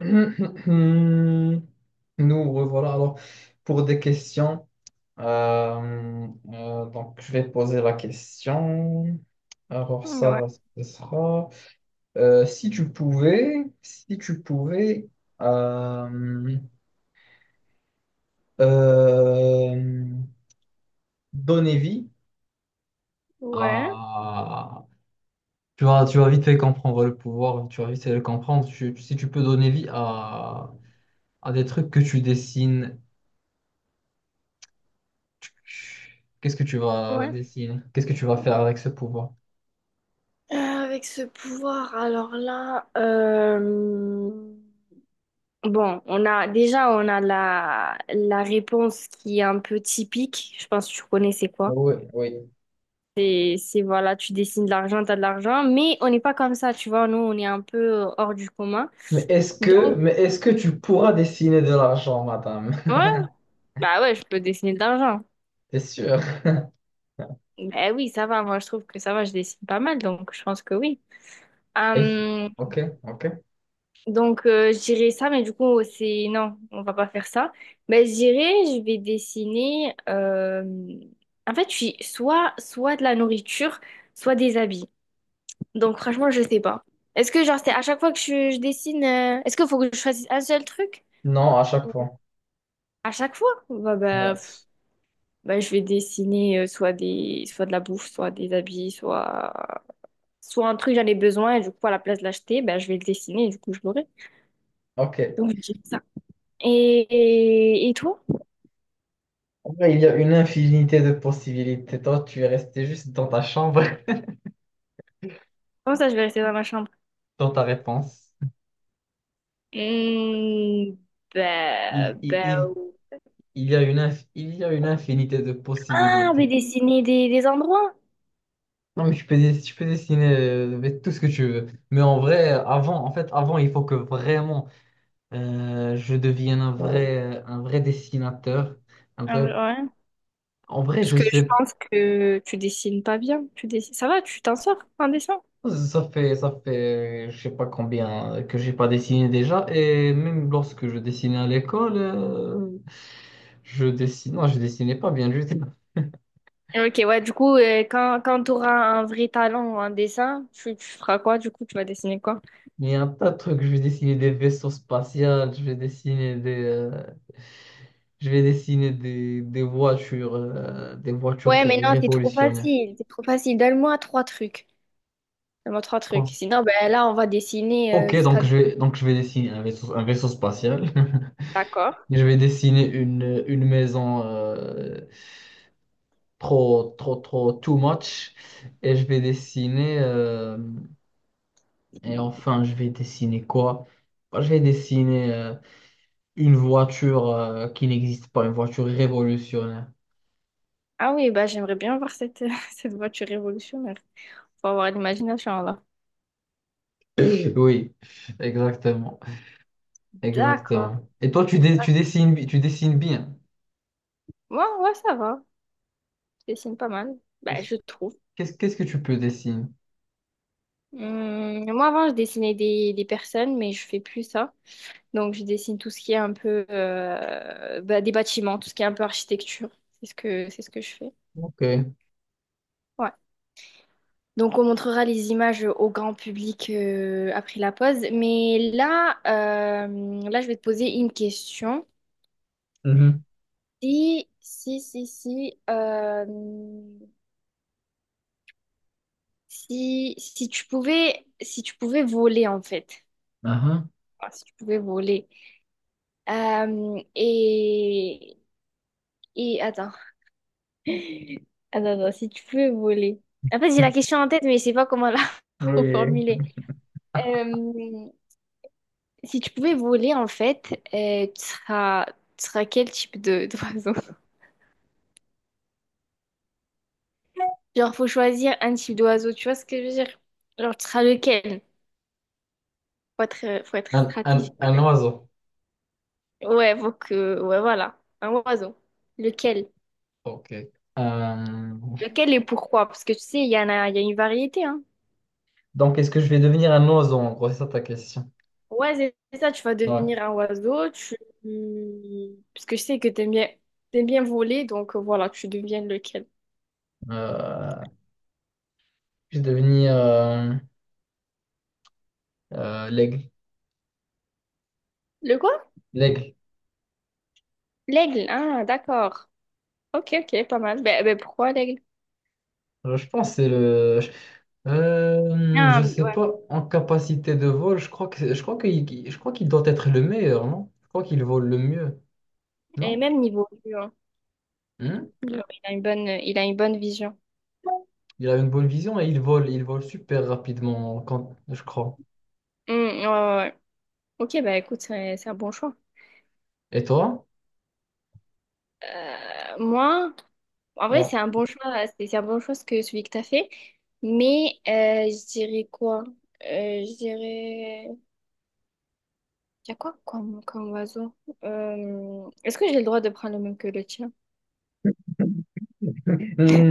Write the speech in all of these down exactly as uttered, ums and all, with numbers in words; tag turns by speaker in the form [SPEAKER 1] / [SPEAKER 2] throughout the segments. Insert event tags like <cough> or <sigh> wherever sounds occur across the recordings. [SPEAKER 1] <laughs> Nous revoilà alors pour des questions. Euh, euh, donc, je vais poser la question. Alors,
[SPEAKER 2] Ouais,
[SPEAKER 1] ça, ce sera. Euh, si tu pouvais, si tu pouvais euh, euh, donner vie
[SPEAKER 2] ouais,
[SPEAKER 1] à. Tu vas, tu vas vite fait comprendre le pouvoir, tu vas vite fait le comprendre. Tu- si tu peux donner vie à, à des trucs que tu dessines. Qu'est-ce que tu vas
[SPEAKER 2] ouais.
[SPEAKER 1] dessiner? Qu'est-ce que tu vas faire avec ce pouvoir?
[SPEAKER 2] Euh, avec ce pouvoir, alors là, euh, bon, on a déjà on a la, la réponse qui est un peu typique. Je pense que tu connais c'est quoi.
[SPEAKER 1] Oui, oui.
[SPEAKER 2] C'est c'est, voilà, tu dessines de l'argent, t'as de l'argent, mais on n'est pas comme ça, tu vois. Nous, on est un peu euh, hors du commun.
[SPEAKER 1] Mais est-ce que,
[SPEAKER 2] Donc,
[SPEAKER 1] mais est-ce que tu pourras dessiner de l'argent, madame?
[SPEAKER 2] ouais, bah ouais, je peux dessiner de l'argent.
[SPEAKER 1] <laughs> T'es sûr?
[SPEAKER 2] Eh oui, ça va. Moi, je trouve que ça va. Je dessine pas mal, donc je pense que oui.
[SPEAKER 1] Et-
[SPEAKER 2] Euh,
[SPEAKER 1] Ok, ok.
[SPEAKER 2] Donc, euh, je dirais ça, mais du coup, c'est... Non, on va pas faire ça. Ben je dirais, je vais dessiner... euh, En fait, je suis soit, soit de la nourriture, soit des habits. Donc, franchement, je sais pas. Est-ce que, genre, c'est à chaque fois que je, je dessine... euh, Est-ce qu'il faut que je choisisse un seul truc?
[SPEAKER 1] Non, à chaque
[SPEAKER 2] Ou
[SPEAKER 1] fois.
[SPEAKER 2] à chaque fois? Bah, bah,
[SPEAKER 1] Ouais,
[SPEAKER 2] pff, bah, je vais dessiner euh, soit des... soit de la bouffe, soit des habits, soit... Soit un truc, j'en ai besoin, et du coup, à la place de l'acheter, ben je vais le dessiner, et du coup, je l'aurai.
[SPEAKER 1] ok.
[SPEAKER 2] Donc, je dirais ça. Et, et, et toi?
[SPEAKER 1] En vrai, il y a une infinité de possibilités. Toi, tu es resté juste dans ta chambre, <laughs>
[SPEAKER 2] Comment ça, je vais rester dans ma chambre?
[SPEAKER 1] dans ta réponse.
[SPEAKER 2] Mmh, bah,
[SPEAKER 1] Il, il,
[SPEAKER 2] bah,
[SPEAKER 1] il,
[SPEAKER 2] ou-
[SPEAKER 1] il y a une, inf- il y a une infinité de
[SPEAKER 2] Ah, mais
[SPEAKER 1] possibilités.
[SPEAKER 2] dessiner des, des endroits.
[SPEAKER 1] Non, mais tu peux, dess- tu peux dessiner euh, mais tout ce que tu veux. Mais en vrai, avant, en fait, avant, il faut que vraiment Euh, je devienne un vrai, euh, un vrai dessinateur. Un
[SPEAKER 2] Ah,
[SPEAKER 1] vrai...
[SPEAKER 2] ouais.
[SPEAKER 1] En vrai,
[SPEAKER 2] Parce
[SPEAKER 1] je
[SPEAKER 2] que je
[SPEAKER 1] sais
[SPEAKER 2] pense que tu dessines pas bien. Tu dessines... Ça va, tu t'en sors en dessin?
[SPEAKER 1] pas, ça fait, ça fait, je sais pas combien que j'ai pas dessiné déjà. Et même lorsque je dessinais à l'école, euh, je dessinais, non, je dessinais pas bien du tout.
[SPEAKER 2] Ok, ouais, du coup, euh, quand, quand tu auras un vrai talent en dessin, tu, tu feras quoi? Du coup, tu vas dessiner quoi?
[SPEAKER 1] Il y a un tas de trucs. Je vais dessiner des vaisseaux spatials, je vais dessiner des, euh, je vais dessiner des, des voitures, euh, des voitures
[SPEAKER 2] Ouais,
[SPEAKER 1] ré-
[SPEAKER 2] mais non, c'est trop
[SPEAKER 1] révolutionnaires.
[SPEAKER 2] facile. C'est trop facile. Donne-moi trois trucs. Donne-moi trois trucs.
[SPEAKER 1] Bon.
[SPEAKER 2] Sinon, ben là, on va dessiner euh,
[SPEAKER 1] Ok,
[SPEAKER 2] jusqu'à...
[SPEAKER 1] donc je vais, donc je vais dessiner un vaisseau, un vaisseau spatial. <laughs>
[SPEAKER 2] D'accord.
[SPEAKER 1] Je vais dessiner une, une maison euh, trop, trop, trop, too much. Et je vais dessiner. Euh, et enfin, je vais dessiner quoi? Bah, je vais dessiner euh, une voiture euh, qui n'existe pas, une voiture révolutionnaire.
[SPEAKER 2] Ah oui, bah, j'aimerais bien voir cette, <laughs> cette voiture révolutionnaire. Faut avoir l'imagination là.
[SPEAKER 1] <laughs> Oui, exactement.
[SPEAKER 2] D'accord,
[SPEAKER 1] Exactement. Et toi, tu, dé-
[SPEAKER 2] d'accord.
[SPEAKER 1] tu dessines, bi- tu dessines bien.
[SPEAKER 2] Moi, ouais, ça va. Je dessine pas mal. Bah,
[SPEAKER 1] Est-ce-
[SPEAKER 2] je trouve.
[SPEAKER 1] Qu'est-ce qu'est-ce que tu peux dessiner?
[SPEAKER 2] Hum, moi, avant, je dessinais des, des personnes, mais je fais plus ça. Donc, je dessine tout ce qui est un peu euh, bah, des bâtiments, tout ce qui est un peu architecture. C'est ce que, c'est ce que je fais.
[SPEAKER 1] Ok.
[SPEAKER 2] Ouais. Donc, on montrera les images au grand public euh, après la pause. Mais là, euh, là, je vais te poser une question.
[SPEAKER 1] Mhm.
[SPEAKER 2] Si, si, si, si. euh, Si, si tu pouvais, si tu pouvais voler, en fait.
[SPEAKER 1] Aha.
[SPEAKER 2] Ah, si tu pouvais voler. Euh, et, et attends. <laughs> Attends, attends, si tu pouvais voler. En fait, j'ai la question en tête, mais je sais pas comment la <laughs>
[SPEAKER 1] Oui.
[SPEAKER 2] reformuler. Euh, si tu pouvais voler, en fait, euh, tu seras, tu seras quel type de d'oiseau? <laughs> Genre, faut choisir un type d'oiseau, tu vois ce que je veux dire? Genre, tu seras lequel? Faut être, faut être
[SPEAKER 1] Un, un,
[SPEAKER 2] stratégique.
[SPEAKER 1] un
[SPEAKER 2] Avec.
[SPEAKER 1] oiseau.
[SPEAKER 2] Ouais, faut que... Ouais, voilà. Un oiseau. Lequel?
[SPEAKER 1] Ok. Euh,
[SPEAKER 2] Lequel et pourquoi? Parce que tu sais, il y en a, il y a une variété, hein.
[SPEAKER 1] Donc, est-ce que je vais devenir un oiseau, en gros, c'est ça ta question.
[SPEAKER 2] Ouais, c'est c'est ça, tu vas
[SPEAKER 1] Ouais.
[SPEAKER 2] devenir un oiseau, tu... Parce que je sais que t'aimes bien, t'aimes bien voler, donc euh, voilà, tu deviens lequel?
[SPEAKER 1] Euh, je vais devenir euh, euh, l'aigle.
[SPEAKER 2] Le quoi?
[SPEAKER 1] L'aigle.
[SPEAKER 2] L'aigle, ah, d'accord. Ok, ok, pas mal. Ben, ben, pourquoi l'aigle?
[SPEAKER 1] Euh, Je pense que c'est le. je- Euh, je
[SPEAKER 2] Ah,
[SPEAKER 1] sais
[SPEAKER 2] ouais.
[SPEAKER 1] pas, en capacité de vol, je crois que je crois qu'il qu'il- je crois qu'il doit être le meilleur, non? Je crois qu'il vole le mieux,
[SPEAKER 2] Et
[SPEAKER 1] non?
[SPEAKER 2] même niveau vue, hein.
[SPEAKER 1] Hmm.
[SPEAKER 2] Il a une bonne, il a une bonne vision.
[SPEAKER 1] Il a une bonne vision et il vole, il vole super rapidement quand je crois.
[SPEAKER 2] Hmm, ouais, ouais, ouais. Ok, bah écoute, c'est c'est un bon choix.
[SPEAKER 1] Et toi?
[SPEAKER 2] Euh, moi, en vrai, c'est
[SPEAKER 1] Ouais.
[SPEAKER 2] un bon choix, euh, c'est c'est un bon choix ce que celui que t'as fait. Mais euh, je dirais quoi? Euh, je dirais. Il y a quoi comme, comme oiseau? Euh, Est-ce que j'ai le droit de prendre le même que le tien?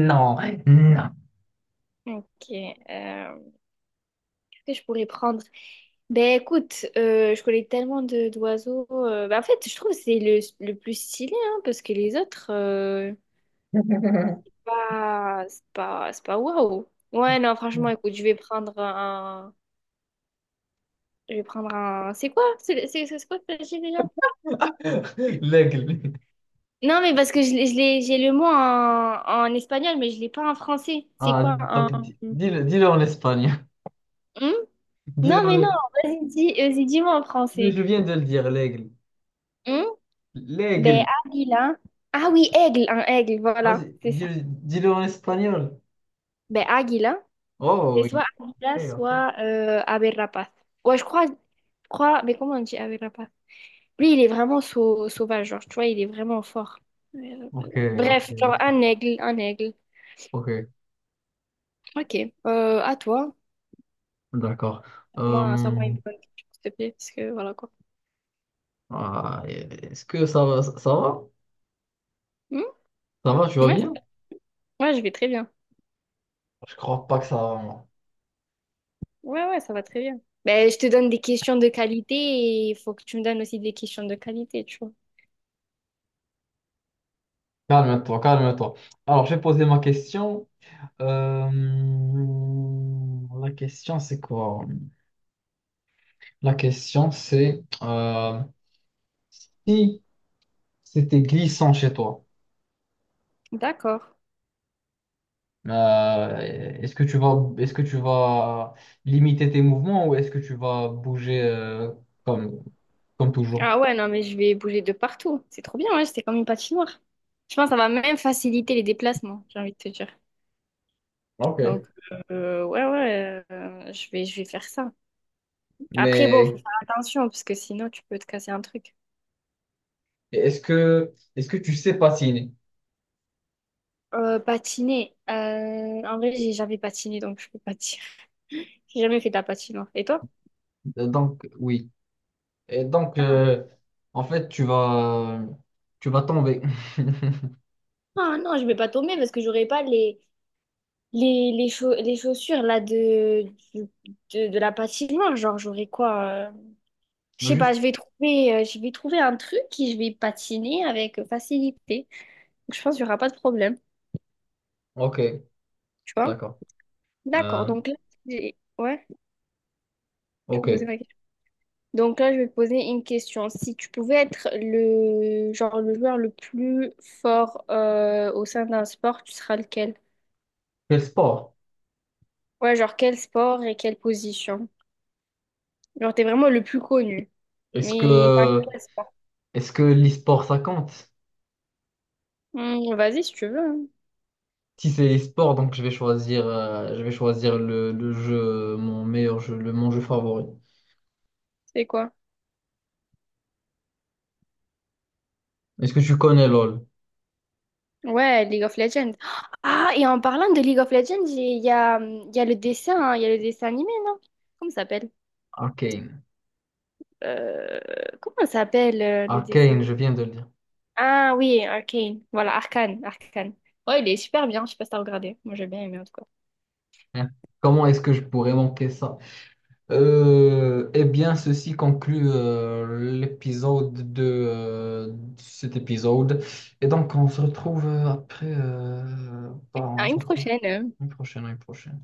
[SPEAKER 1] Non, non.
[SPEAKER 2] Ok. euh, Qu'est-ce que je pourrais prendre? Ben écoute, euh, je connais tellement de d'oiseaux. Euh, ben, en fait, je trouve que c'est le, le plus stylé, hein, parce que les autres, euh,
[SPEAKER 1] <laughs>
[SPEAKER 2] pas- c'est pas, c'est pas waouh. Ouais, non, franchement, écoute, je vais prendre un. Je vais prendre un. C'est quoi? C'est c'est- c'est quoi que t'as dit déjà?
[SPEAKER 1] L'aigle.
[SPEAKER 2] Non, mais parce que je, l'ai- je l'ai- j'ai le mot en, en espagnol, mais je l'ai pas en français. C'est
[SPEAKER 1] Ah,
[SPEAKER 2] quoi un.
[SPEAKER 1] donc di-
[SPEAKER 2] Hmm.
[SPEAKER 1] dis-le, dis-le en espagnol. <laughs> Dis-le
[SPEAKER 2] Non, mais non,
[SPEAKER 1] en...
[SPEAKER 2] vas-y, dis, vas-y, dis-moi en
[SPEAKER 1] Mais
[SPEAKER 2] français.
[SPEAKER 1] je viens de le dire, l'aigle.
[SPEAKER 2] Hmm. Ben,
[SPEAKER 1] L'aigle.
[SPEAKER 2] Aguila. Ah oui, aigle, un aigle, voilà,
[SPEAKER 1] Vas-y,
[SPEAKER 2] c'est ça.
[SPEAKER 1] dis-le, dis-le en espagnol.
[SPEAKER 2] Ben, Aguila.
[SPEAKER 1] Oh,
[SPEAKER 2] C'est soit
[SPEAKER 1] oui.
[SPEAKER 2] Aguila
[SPEAKER 1] Ok, ok.
[SPEAKER 2] soit euh, ave rapaz. Ouais, je crois, je crois, mais comment on dit ave rapaz? Lui, il est vraiment sau- sauvage, genre, tu vois, il est vraiment fort.
[SPEAKER 1] Ok, ok,
[SPEAKER 2] Bref, genre,
[SPEAKER 1] ok.
[SPEAKER 2] un aigle, un aigle.
[SPEAKER 1] Ok,
[SPEAKER 2] Ok. Euh, à toi.
[SPEAKER 1] d'accord.
[SPEAKER 2] Moi, ça m'a
[SPEAKER 1] Euh,
[SPEAKER 2] une bonne question, s'il te plaît, parce que voilà quoi.
[SPEAKER 1] ah, est-ce que ça va? Ça ça va?
[SPEAKER 2] Hmm.
[SPEAKER 1] Ça va, tu vas
[SPEAKER 2] Ouais,
[SPEAKER 1] bien?
[SPEAKER 2] ouais, je vais très bien.
[SPEAKER 1] Je crois pas que ça va. Moi,
[SPEAKER 2] Ouais, ouais, ça va très bien. Ben, je te donne des questions de qualité et il faut que tu me donnes aussi des questions de qualité, tu vois.
[SPEAKER 1] calme-toi, calme-toi. Alors, j'ai posé ma question. Euh, la question, c'est quoi? La question, c'est... euh, Si c'était glissant chez toi.
[SPEAKER 2] D'accord.
[SPEAKER 1] Euh, Est-ce que tu vas, est-ce que tu vas limiter tes mouvements ou est-ce que tu vas bouger euh, comme, comme toujours?
[SPEAKER 2] Ah ouais, non, mais je vais bouger de partout. C'est trop bien, ouais, c'est comme une patinoire. Je pense que ça va même faciliter les déplacements, j'ai envie de te dire. Donc,
[SPEAKER 1] Ok.
[SPEAKER 2] euh, ouais, ouais, euh, je vais, je vais faire ça. Après, bon, faut
[SPEAKER 1] Mais
[SPEAKER 2] faire attention, parce que sinon, tu peux te casser un truc.
[SPEAKER 1] est-ce que, est-ce que tu sais patiner?
[SPEAKER 2] Euh, patiner. Euh, en vrai, j'ai jamais patiné, donc je peux pas te dire. <laughs> J'ai jamais fait de la patinoire. Et toi?
[SPEAKER 1] Euh, Donc, oui. Et donc, euh, en fait, tu vas, tu vas tomber.
[SPEAKER 2] Ah non, je vais pas tomber parce que j'aurai pas les, les, les, chau- les chaussures là de, du- de, de la patinoire. Genre, j'aurai quoi? euh, Je
[SPEAKER 1] <laughs>
[SPEAKER 2] sais pas,
[SPEAKER 1] Juste.
[SPEAKER 2] je vais trouver, euh, je vais trouver un truc et je vais patiner avec facilité. Donc, je pense qu'il y aura pas de problème.
[SPEAKER 1] Ok,
[SPEAKER 2] Tu vois?
[SPEAKER 1] d'accord.
[SPEAKER 2] D'accord,
[SPEAKER 1] Euh,
[SPEAKER 2] donc là, j'ai- ouais, tu
[SPEAKER 1] ok.
[SPEAKER 2] peux poser ma Donc là, je vais te poser une question. Si tu pouvais être le genre le joueur le plus fort euh, au sein d'un sport, tu seras lequel?
[SPEAKER 1] Quel sport?
[SPEAKER 2] Ouais, genre quel sport et quelle position? Genre t'es vraiment le plus connu.
[SPEAKER 1] Est-ce
[SPEAKER 2] Mais dans
[SPEAKER 1] que,
[SPEAKER 2] quel sport?
[SPEAKER 1] est-ce que l'e-sport ça compte?
[SPEAKER 2] Hmm, vas-y si tu veux, hein.
[SPEAKER 1] Si c'est les sports, donc je vais choisir, euh, je vais choisir le, le jeu, mon meilleur jeu, le, mon jeu favori.
[SPEAKER 2] C'est quoi?
[SPEAKER 1] Est-ce que tu connais lol?
[SPEAKER 2] Ouais, League of Legends. Ah, et en parlant de League of Legends, j'ai- il y a, hum, il y a le dessin, hein, il y a le dessin animé, non? Comment ça s'appelle?
[SPEAKER 1] Arcane.
[SPEAKER 2] Euh, Comment ça s'appelle euh, le dessin?
[SPEAKER 1] Arcane, je viens de le dire.
[SPEAKER 2] Ah oui, Arcane. Voilà, Arcane, Arcane. Ouais, il est super bien, je sais pas si t'as regardé. Moi, j'ai bien aimé en tout cas.
[SPEAKER 1] Hein. Comment est-ce que je pourrais manquer ça? Euh, eh bien, ceci conclut euh, l'épisode de euh, cet épisode. Et donc, on se retrouve euh, après. Euh, bah,
[SPEAKER 2] À
[SPEAKER 1] on se
[SPEAKER 2] une
[SPEAKER 1] retrouve
[SPEAKER 2] prochaine.
[SPEAKER 1] une prochaine, une prochaine.